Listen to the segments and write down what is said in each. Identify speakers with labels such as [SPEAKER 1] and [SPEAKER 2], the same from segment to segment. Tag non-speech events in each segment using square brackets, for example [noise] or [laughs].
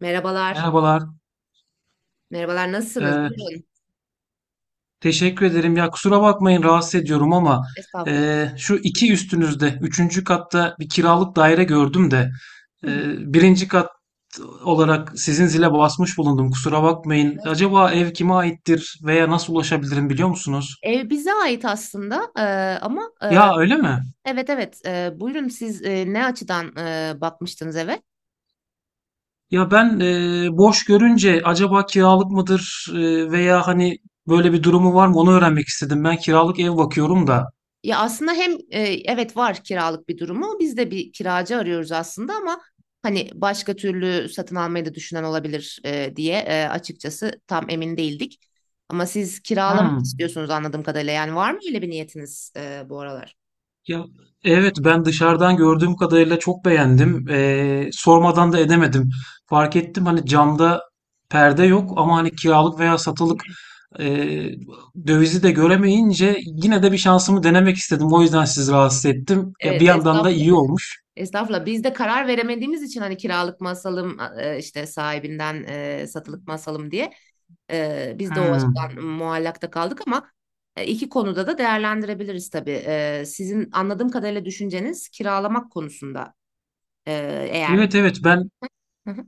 [SPEAKER 1] Merhabalar.
[SPEAKER 2] Merhabalar.
[SPEAKER 1] Merhabalar, nasılsınız?
[SPEAKER 2] Ee,
[SPEAKER 1] Buyurun.
[SPEAKER 2] Teşekkür ederim. Ya kusura bakmayın rahatsız ediyorum ama
[SPEAKER 1] Estağfurullah.
[SPEAKER 2] şu iki üstünüzde, üçüncü katta bir kiralık daire gördüm de
[SPEAKER 1] Hı hı.
[SPEAKER 2] e, birinci kat olarak sizin zile basmış bulundum. Kusura bakmayın. Acaba
[SPEAKER 1] Estağfurullah.
[SPEAKER 2] ev kime aittir veya nasıl ulaşabilirim biliyor musunuz?
[SPEAKER 1] Ev bize ait aslında, ama,
[SPEAKER 2] Ya öyle mi?
[SPEAKER 1] evet evet, buyurun siz, ne açıdan bakmıştınız eve?
[SPEAKER 2] Ya ben boş görünce acaba kiralık mıdır, veya hani böyle bir durumu var mı onu öğrenmek istedim. Ben kiralık ev bakıyorum da.
[SPEAKER 1] Ya aslında hem, evet var kiralık bir durumu, biz de bir kiracı arıyoruz aslında, ama hani başka türlü satın almayı da düşünen olabilir diye, açıkçası tam emin değildik. Ama siz kiralamak
[SPEAKER 2] Hmm.
[SPEAKER 1] istiyorsunuz anladığım kadarıyla, yani var mı öyle bir niyetiniz bu aralar?
[SPEAKER 2] Ya evet, ben dışarıdan gördüğüm kadarıyla çok beğendim. Sormadan da edemedim. Fark ettim hani camda perde yok ama hani kiralık veya satılık ee, dövizi de göremeyince yine de bir şansımı denemek istedim. O yüzden sizi rahatsız ettim. Ya
[SPEAKER 1] Evet,
[SPEAKER 2] bir yandan da
[SPEAKER 1] estağfurullah.
[SPEAKER 2] iyi olmuş.
[SPEAKER 1] Estağfurullah. Biz de karar veremediğimiz için hani kiralık mı asalım, işte sahibinden, satılık mı asalım diye, biz de o
[SPEAKER 2] Hmm.
[SPEAKER 1] açıdan muallakta kaldık ama, iki konuda da değerlendirebiliriz tabii. Sizin anladığım kadarıyla düşünceniz kiralamak konusunda, e, eğer.
[SPEAKER 2] Evet evet ben
[SPEAKER 1] Hı hı.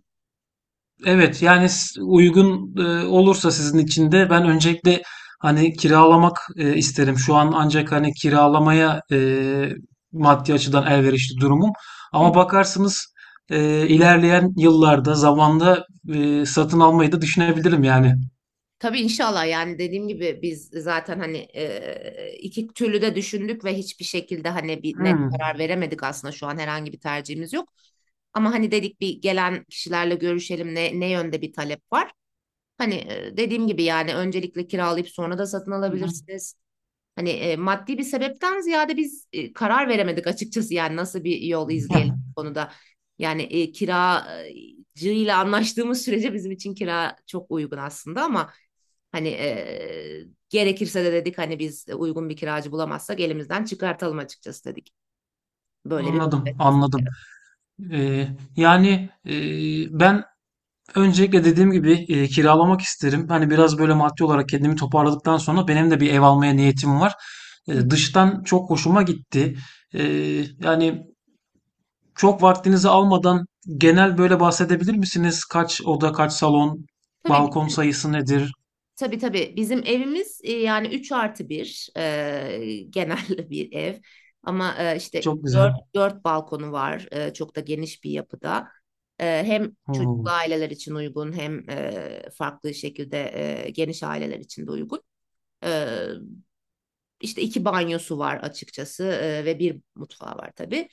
[SPEAKER 2] Evet, yani uygun olursa sizin için de ben öncelikle hani kiralamak isterim. Şu an ancak hani kiralamaya maddi açıdan elverişli durumum. Ama bakarsınız ilerleyen yıllarda zamanda satın almayı da düşünebilirim yani.
[SPEAKER 1] Tabii, inşallah, yani dediğim gibi biz zaten hani, iki türlü de düşündük ve hiçbir şekilde hani bir net
[SPEAKER 2] Hmm.
[SPEAKER 1] karar veremedik aslında, şu an herhangi bir tercihimiz yok. Ama hani dedik, bir gelen kişilerle görüşelim ne yönde bir talep var. Hani, dediğim gibi, yani öncelikle kiralayıp sonra da satın alabilirsiniz. Hani, maddi bir sebepten ziyade biz, karar veremedik açıkçası, yani nasıl bir yol izleyelim
[SPEAKER 2] [laughs]
[SPEAKER 1] bu konuda. Yani, kiracıyla anlaştığımız sürece bizim için kira çok uygun aslında, ama hani, gerekirse de dedik hani biz uygun bir kiracı bulamazsak elimizden çıkartalım açıkçası dedik. Böyle bir
[SPEAKER 2] Anladım,
[SPEAKER 1] bakışımız
[SPEAKER 2] anladım.
[SPEAKER 1] var.
[SPEAKER 2] E, Yani, ben öncelikle dediğim gibi, kiralamak isterim. Hani biraz böyle maddi olarak kendimi toparladıktan sonra benim de bir ev almaya niyetim var.
[SPEAKER 1] Hı.
[SPEAKER 2] Dıştan çok hoşuma gitti. Yani çok vaktinizi almadan genel böyle bahsedebilir misiniz? Kaç oda, kaç salon,
[SPEAKER 1] Tabii,
[SPEAKER 2] balkon sayısı nedir?
[SPEAKER 1] tabii, tabii. Bizim evimiz, yani üç artı 1 genel [laughs] bir ev. Ama, işte
[SPEAKER 2] Çok güzel.
[SPEAKER 1] dört balkonu var. Çok da geniş bir yapıda. Hem çocuklu
[SPEAKER 2] Oo.
[SPEAKER 1] aileler için uygun hem, farklı şekilde, geniş aileler için de uygun. E, işte iki banyosu var açıkçası, ve bir mutfağı var tabii.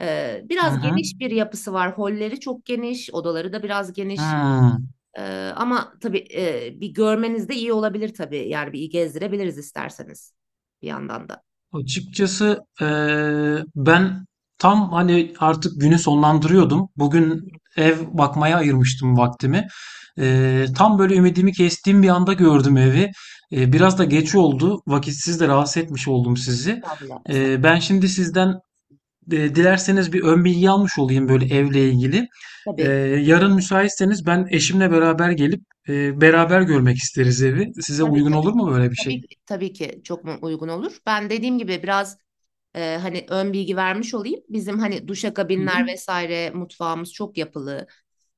[SPEAKER 2] Hı
[SPEAKER 1] Biraz
[SPEAKER 2] hı.
[SPEAKER 1] geniş bir yapısı var. Holleri çok geniş, odaları da biraz geniş.
[SPEAKER 2] Hı.
[SPEAKER 1] Ee, Ama tabii, bir görmeniz de iyi olabilir tabii. Yani bir iyi gezdirebiliriz isterseniz bir yandan da.
[SPEAKER 2] Açıkçası, ben tam hani artık günü sonlandırıyordum. Bugün
[SPEAKER 1] Hı
[SPEAKER 2] ev bakmaya ayırmıştım vaktimi.
[SPEAKER 1] hı.
[SPEAKER 2] Tam böyle ümidimi kestiğim bir anda gördüm evi. Biraz da geç oldu. Vakitsiz de rahatsız etmiş oldum sizi.
[SPEAKER 1] Estağfurullah, estağfurullah.
[SPEAKER 2] Ben şimdi sizden, dilerseniz bir ön bilgi almış olayım böyle evle ilgili. Eee,
[SPEAKER 1] Tabii,
[SPEAKER 2] Yarın müsaitseniz ben eşimle beraber gelip, beraber görmek isteriz evi. Size
[SPEAKER 1] tabii,
[SPEAKER 2] uygun
[SPEAKER 1] tabii.
[SPEAKER 2] olur mu böyle bir
[SPEAKER 1] Tabii
[SPEAKER 2] şey?
[SPEAKER 1] ki, tabii ki çok uygun olur. Ben dediğim gibi biraz, hani ön bilgi vermiş olayım. Bizim hani
[SPEAKER 2] Hı hı.
[SPEAKER 1] duşakabinler vesaire mutfağımız çok yapılı.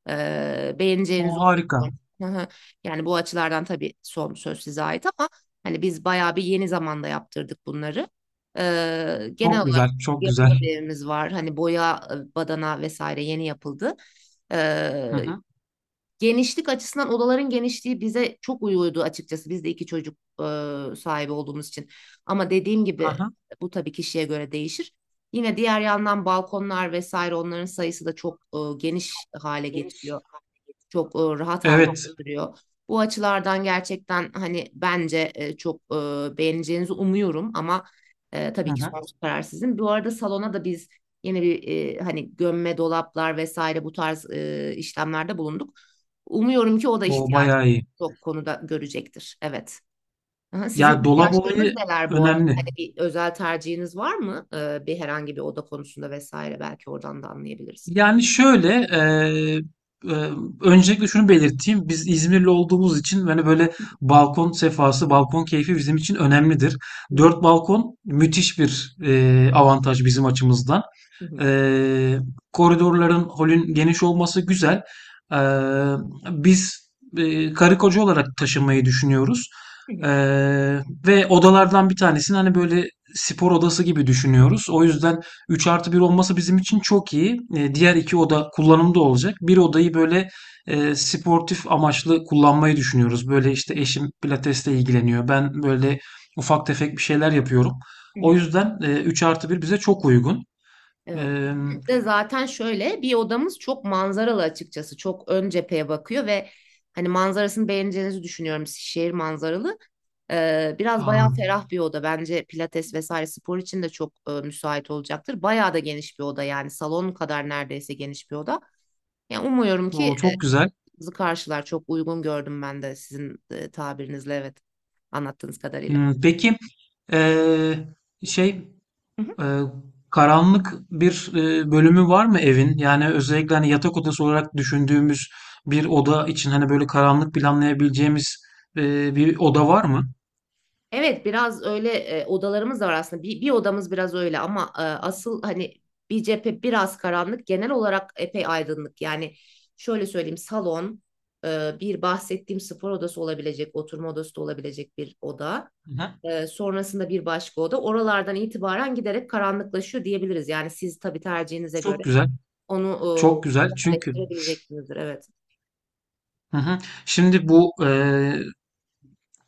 [SPEAKER 1] Beğeneceğinizi
[SPEAKER 2] O harika.
[SPEAKER 1] umuyorum. Hı hı. Yani bu açılardan tabii son söz size ait, ama hani biz bayağı bir yeni zamanda yaptırdık bunları. Genel
[SPEAKER 2] Çok
[SPEAKER 1] olarak
[SPEAKER 2] güzel, çok güzel.
[SPEAKER 1] yapılı bir evimiz var. Hani boya, badana vesaire yeni yapıldı.
[SPEAKER 2] Hı
[SPEAKER 1] E,
[SPEAKER 2] hı.
[SPEAKER 1] Genişlik açısından odaların genişliği bize çok uyuyordu açıkçası. Biz de iki çocuk sahibi olduğumuz için. Ama dediğim gibi
[SPEAKER 2] Aha.
[SPEAKER 1] bu tabii kişiye göre değişir. Yine diğer yandan balkonlar vesaire onların sayısı da çok, geniş hale getiriyor, çok rahat hale
[SPEAKER 2] Evet. iyi.
[SPEAKER 1] getiriyor. Bu açılardan gerçekten hani bence, çok beğeneceğinizi umuyorum ama,
[SPEAKER 2] Hı
[SPEAKER 1] tabii ki
[SPEAKER 2] hı.
[SPEAKER 1] son karar sizin. Bu arada salona da biz yeni bir, hani gömme dolaplar vesaire bu tarz işlemlerde bulunduk. Umuyorum ki o da
[SPEAKER 2] O
[SPEAKER 1] ihtiyacı
[SPEAKER 2] bayağı iyi.
[SPEAKER 1] çok konuda görecektir. Evet. Aha,
[SPEAKER 2] Ya
[SPEAKER 1] sizin
[SPEAKER 2] dolap
[SPEAKER 1] ihtiyaçlarınız
[SPEAKER 2] olayı
[SPEAKER 1] neler bu arada?
[SPEAKER 2] önemli.
[SPEAKER 1] Hani bir özel tercihiniz var mı? Bir herhangi bir oda konusunda vesaire belki oradan da anlayabiliriz.
[SPEAKER 2] Yani şöyle, eee, öncelikle şunu belirteyim. Biz İzmirli olduğumuz için hani böyle
[SPEAKER 1] Hı
[SPEAKER 2] balkon sefası, balkon keyfi bizim için önemlidir.
[SPEAKER 1] hı,
[SPEAKER 2] Dört balkon müthiş bir avantaj bizim açımızdan.
[SPEAKER 1] hı hı,
[SPEAKER 2] Ee, Koridorların, holün geniş olması güzel. Ee, Biz karı koca olarak taşınmayı düşünüyoruz.
[SPEAKER 1] hı hı,
[SPEAKER 2] Ee, Ve odalardan bir tanesini hani böyle spor odası gibi düşünüyoruz. O yüzden 3 artı bir olması bizim için çok iyi. Diğer iki oda kullanımda olacak. Bir odayı böyle sportif amaçlı kullanmayı düşünüyoruz. Böyle işte
[SPEAKER 1] hı hı,
[SPEAKER 2] eşim pilatesle ilgileniyor. Ben böyle ufak tefek bir şeyler yapıyorum.
[SPEAKER 1] hı
[SPEAKER 2] O
[SPEAKER 1] hı.
[SPEAKER 2] yüzden 3 artı bir bize çok uygun.
[SPEAKER 1] Evet.
[SPEAKER 2] Eee,
[SPEAKER 1] Bizim de zaten şöyle bir odamız çok manzaralı açıkçası. Çok ön cepheye bakıyor ve hani manzarasını beğeneceğinizi düşünüyorum. Şehir manzaralı. Biraz bayağı
[SPEAKER 2] ha,
[SPEAKER 1] ferah bir oda. Bence pilates vesaire spor için de çok müsait olacaktır. Bayağı da geniş bir oda, yani salon kadar neredeyse geniş bir oda. Yani umuyorum ki,
[SPEAKER 2] o çok güzel.
[SPEAKER 1] bizi karşılar. Çok uygun gördüm ben de sizin, tabirinizle, evet, anlattığınız kadarıyla.
[SPEAKER 2] Hmm, peki eee, şey eee, karanlık bir bölümü var mı evin? Yani özellikle hani yatak odası olarak düşündüğümüz bir oda için hani böyle karanlık planlayabileceğimiz, bir oda var mı?
[SPEAKER 1] Evet, biraz öyle, odalarımız da var aslında. Bir odamız biraz öyle, ama, asıl hani bir cephe biraz karanlık. Genel olarak epey aydınlık. Yani şöyle söyleyeyim, salon, bir bahsettiğim spor odası olabilecek, oturma odası da olabilecek bir oda.
[SPEAKER 2] Hı hı.
[SPEAKER 1] Sonrasında bir başka oda. Oralardan itibaren giderek karanlıklaşıyor diyebiliriz. Yani siz tabii tercihinize
[SPEAKER 2] Çok
[SPEAKER 1] göre
[SPEAKER 2] güzel.
[SPEAKER 1] onu,
[SPEAKER 2] Çok güzel. Çünkü
[SPEAKER 1] yerleştirebileceksinizdir. Evet.
[SPEAKER 2] hı hı. Şimdi bu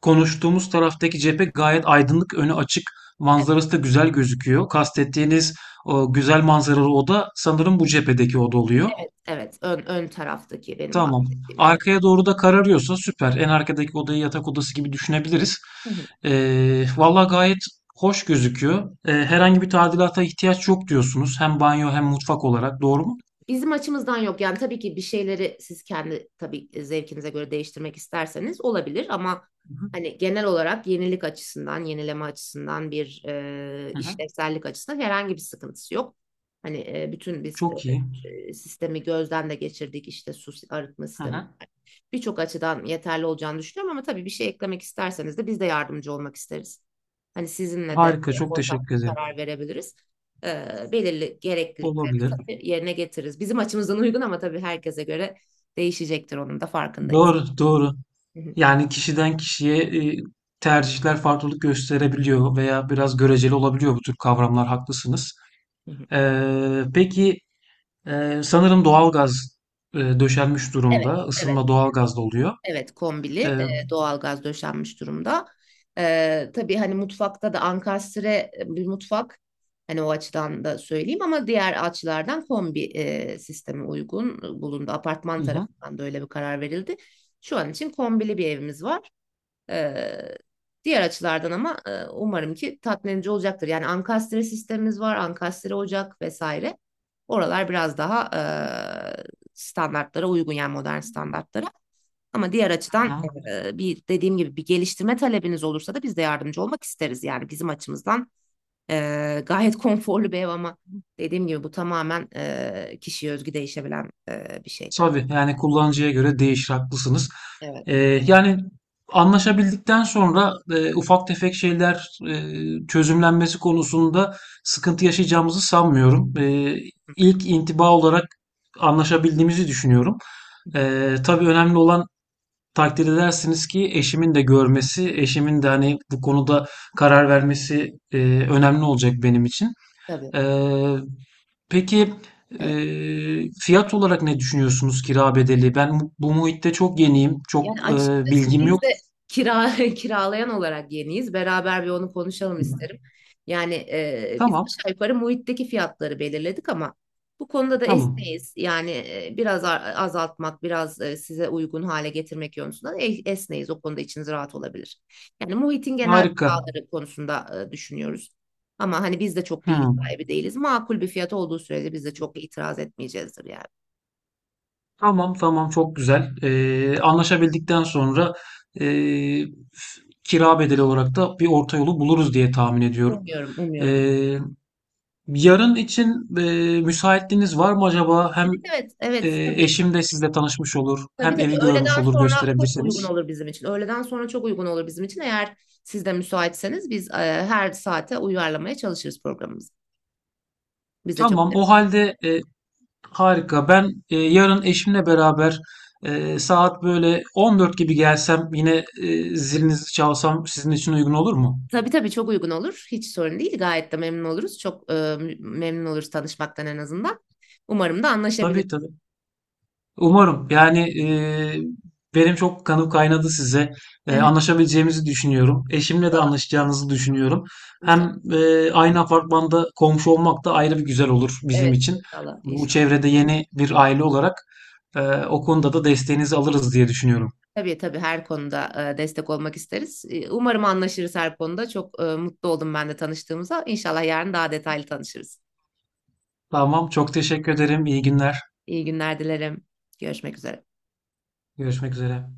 [SPEAKER 2] Konuştuğumuz taraftaki cephe gayet aydınlık, önü açık,
[SPEAKER 1] Evet,
[SPEAKER 2] manzarası da güzel gözüküyor. Kastettiğiniz o güzel manzaralı oda sanırım bu cephedeki oda oluyor.
[SPEAKER 1] evet, evet. Ön taraftaki benim
[SPEAKER 2] Tamam.
[SPEAKER 1] bahsettiğim. Evet.
[SPEAKER 2] Arkaya doğru da kararıyorsa süper. En arkadaki odayı yatak odası gibi düşünebiliriz.
[SPEAKER 1] Hı hı.
[SPEAKER 2] Valla gayet hoş gözüküyor. Herhangi bir tadilata ihtiyaç yok diyorsunuz. Hem banyo hem mutfak olarak. Doğru mu?
[SPEAKER 1] Bizim açımızdan yok. Yani tabii ki bir şeyleri siz kendi tabii, zevkinize göre değiştirmek isterseniz olabilir, ama
[SPEAKER 2] Hı hı.
[SPEAKER 1] hani genel olarak yenilik açısından, yenileme açısından, bir
[SPEAKER 2] Hı hı.
[SPEAKER 1] işlevsellik açısından herhangi bir sıkıntısı yok. Hani, bütün biz,
[SPEAKER 2] Çok iyi.
[SPEAKER 1] sistemi gözden de geçirdik, işte arıtma
[SPEAKER 2] Hı
[SPEAKER 1] sistemi.
[SPEAKER 2] hı.
[SPEAKER 1] Birçok açıdan yeterli olacağını düşünüyorum, ama tabii bir şey eklemek isterseniz de biz de yardımcı olmak isteriz. Hani sizinle de,
[SPEAKER 2] Harika. Çok
[SPEAKER 1] ortak
[SPEAKER 2] teşekkür ederim.
[SPEAKER 1] karar verebiliriz. Belirli gereklilik
[SPEAKER 2] Olabilir.
[SPEAKER 1] yerine getiririz. Bizim açımızdan uygun, ama tabii herkese göre değişecektir, onun da farkındayız.
[SPEAKER 2] Doğru, doğru.
[SPEAKER 1] Hı hı,
[SPEAKER 2] Yani kişiden kişiye e, tercihler farklılık gösterebiliyor veya biraz göreceli olabiliyor bu tür kavramlar, haklısınız.
[SPEAKER 1] hı hı.
[SPEAKER 2] Peki, sanırım doğalgaz döşenmiş
[SPEAKER 1] Evet,
[SPEAKER 2] durumda.
[SPEAKER 1] evet,
[SPEAKER 2] Isınma doğalgazda oluyor.
[SPEAKER 1] evet, kombili
[SPEAKER 2] Ee,
[SPEAKER 1] doğalgaz döşenmiş durumda. Tabii hani mutfakta da ankastre, bir mutfak, hani o açıdan da söyleyeyim, ama diğer açılardan kombi sistemi uygun bulundu. Apartman
[SPEAKER 2] hı
[SPEAKER 1] tarafından da öyle bir karar verildi. Şu an için kombili bir evimiz var. Eee, Diğer açılardan ama, umarım ki tatmin edici olacaktır. Yani ankastre sistemimiz var, ankastre ocak vesaire. Oralar biraz daha, standartlara uygun, yani modern standartlara. Ama diğer açıdan,
[SPEAKER 2] hı.
[SPEAKER 1] bir dediğim gibi bir geliştirme talebiniz olursa da biz de yardımcı olmak isteriz. Yani bizim açımızdan, gayet [laughs] konforlu bir ev, ama dediğim gibi bu tamamen kişiye özgü değişebilen, bir şey tabii.
[SPEAKER 2] Tabii, yani kullanıcıya göre değişir, haklısınız.
[SPEAKER 1] Evet.
[SPEAKER 2] Ee, Yani anlaşabildikten sonra, ufak tefek şeyler çözümlenmesi konusunda sıkıntı yaşayacağımızı sanmıyorum.
[SPEAKER 1] Hı
[SPEAKER 2] İlk intiba olarak anlaşabildiğimizi düşünüyorum.
[SPEAKER 1] hı.
[SPEAKER 2] Tabii önemli olan, takdir edersiniz ki eşimin de görmesi, eşimin de hani bu konuda karar vermesi önemli olacak benim için.
[SPEAKER 1] Tabii.
[SPEAKER 2] Ee, Peki
[SPEAKER 1] Evet.
[SPEAKER 2] fiyat olarak ne düşünüyorsunuz kira bedeli? Ben bu bu muhitte çok yeniyim. Çok
[SPEAKER 1] Yani açıkçası
[SPEAKER 2] bilgim
[SPEAKER 1] biz
[SPEAKER 2] yok.
[SPEAKER 1] de kira [laughs] kiralayan olarak yeniyiz. Beraber bir onu konuşalım isterim. Yani, biz
[SPEAKER 2] Tamam,
[SPEAKER 1] aşağı yukarı muhitteki fiyatları belirledik, ama bu konuda da
[SPEAKER 2] tamam.
[SPEAKER 1] esneyiz. Yani, biraz azaltmak, biraz, size uygun hale getirmek yönünden, esneyiz. O konuda içiniz rahat olabilir. Yani muhitin genel
[SPEAKER 2] Harika.
[SPEAKER 1] kiraları konusunda, düşünüyoruz. Ama hani biz de çok bilgi
[SPEAKER 2] Hmm.
[SPEAKER 1] sahibi değiliz. Makul bir fiyat olduğu sürece biz de çok itiraz etmeyeceğizdir yani.
[SPEAKER 2] Tamam, tamam. Çok güzel. Anlaşabildikten sonra, eee, kira bedeli olarak da bir orta yolu buluruz diye tahmin ediyorum.
[SPEAKER 1] Umuyorum, umuyorum.
[SPEAKER 2] Eee, Yarın için, müsaitliğiniz var mı acaba? Hem
[SPEAKER 1] Evet, evet, evet. Tabii,
[SPEAKER 2] eşim de sizle tanışmış olur,
[SPEAKER 1] tabii,
[SPEAKER 2] hem
[SPEAKER 1] tabii,
[SPEAKER 2] evi görmüş
[SPEAKER 1] öğleden
[SPEAKER 2] olur
[SPEAKER 1] sonra çok uygun
[SPEAKER 2] gösterebilirseniz.
[SPEAKER 1] olur bizim için. Öğleden sonra çok uygun olur bizim için. Eğer siz de müsaitseniz biz, her saate uyarlamaya çalışırız programımızı. Biz de çok
[SPEAKER 2] Tamam,
[SPEAKER 1] de.
[SPEAKER 2] o halde, harika. Ben, yarın eşimle beraber, saat böyle 14 gibi gelsem yine, zilinizi çalsam sizin için uygun olur mu?
[SPEAKER 1] Tabii, tabii, çok uygun olur. Hiç sorun değil. Gayet de memnun oluruz. Çok, memnun oluruz tanışmaktan en azından. Umarım da
[SPEAKER 2] Tabii
[SPEAKER 1] anlaşabiliriz.
[SPEAKER 2] tabii. Umarım. Yani, benim çok kanım kaynadı size.
[SPEAKER 1] [laughs]
[SPEAKER 2] Anlaşabileceğimizi düşünüyorum. Eşimle de
[SPEAKER 1] İnşallah.
[SPEAKER 2] anlaşacağınızı düşünüyorum. Hem
[SPEAKER 1] İnşallah.
[SPEAKER 2] aynı apartmanda komşu olmak da ayrı bir güzel olur bizim
[SPEAKER 1] Evet,
[SPEAKER 2] için.
[SPEAKER 1] inşallah,
[SPEAKER 2] Bu
[SPEAKER 1] inşallah.
[SPEAKER 2] çevrede yeni bir aile olarak, e, o konuda da desteğinizi alırız diye düşünüyorum.
[SPEAKER 1] Tabii, tabii, her konuda, destek olmak isteriz. Umarım anlaşırız her konuda. Çok, mutlu oldum ben de tanıştığımıza. İnşallah yarın daha detaylı tanışırız.
[SPEAKER 2] Tamam. Çok teşekkür ederim. İyi günler.
[SPEAKER 1] İyi günler dilerim. Görüşmek üzere.
[SPEAKER 2] Görüşmek üzere.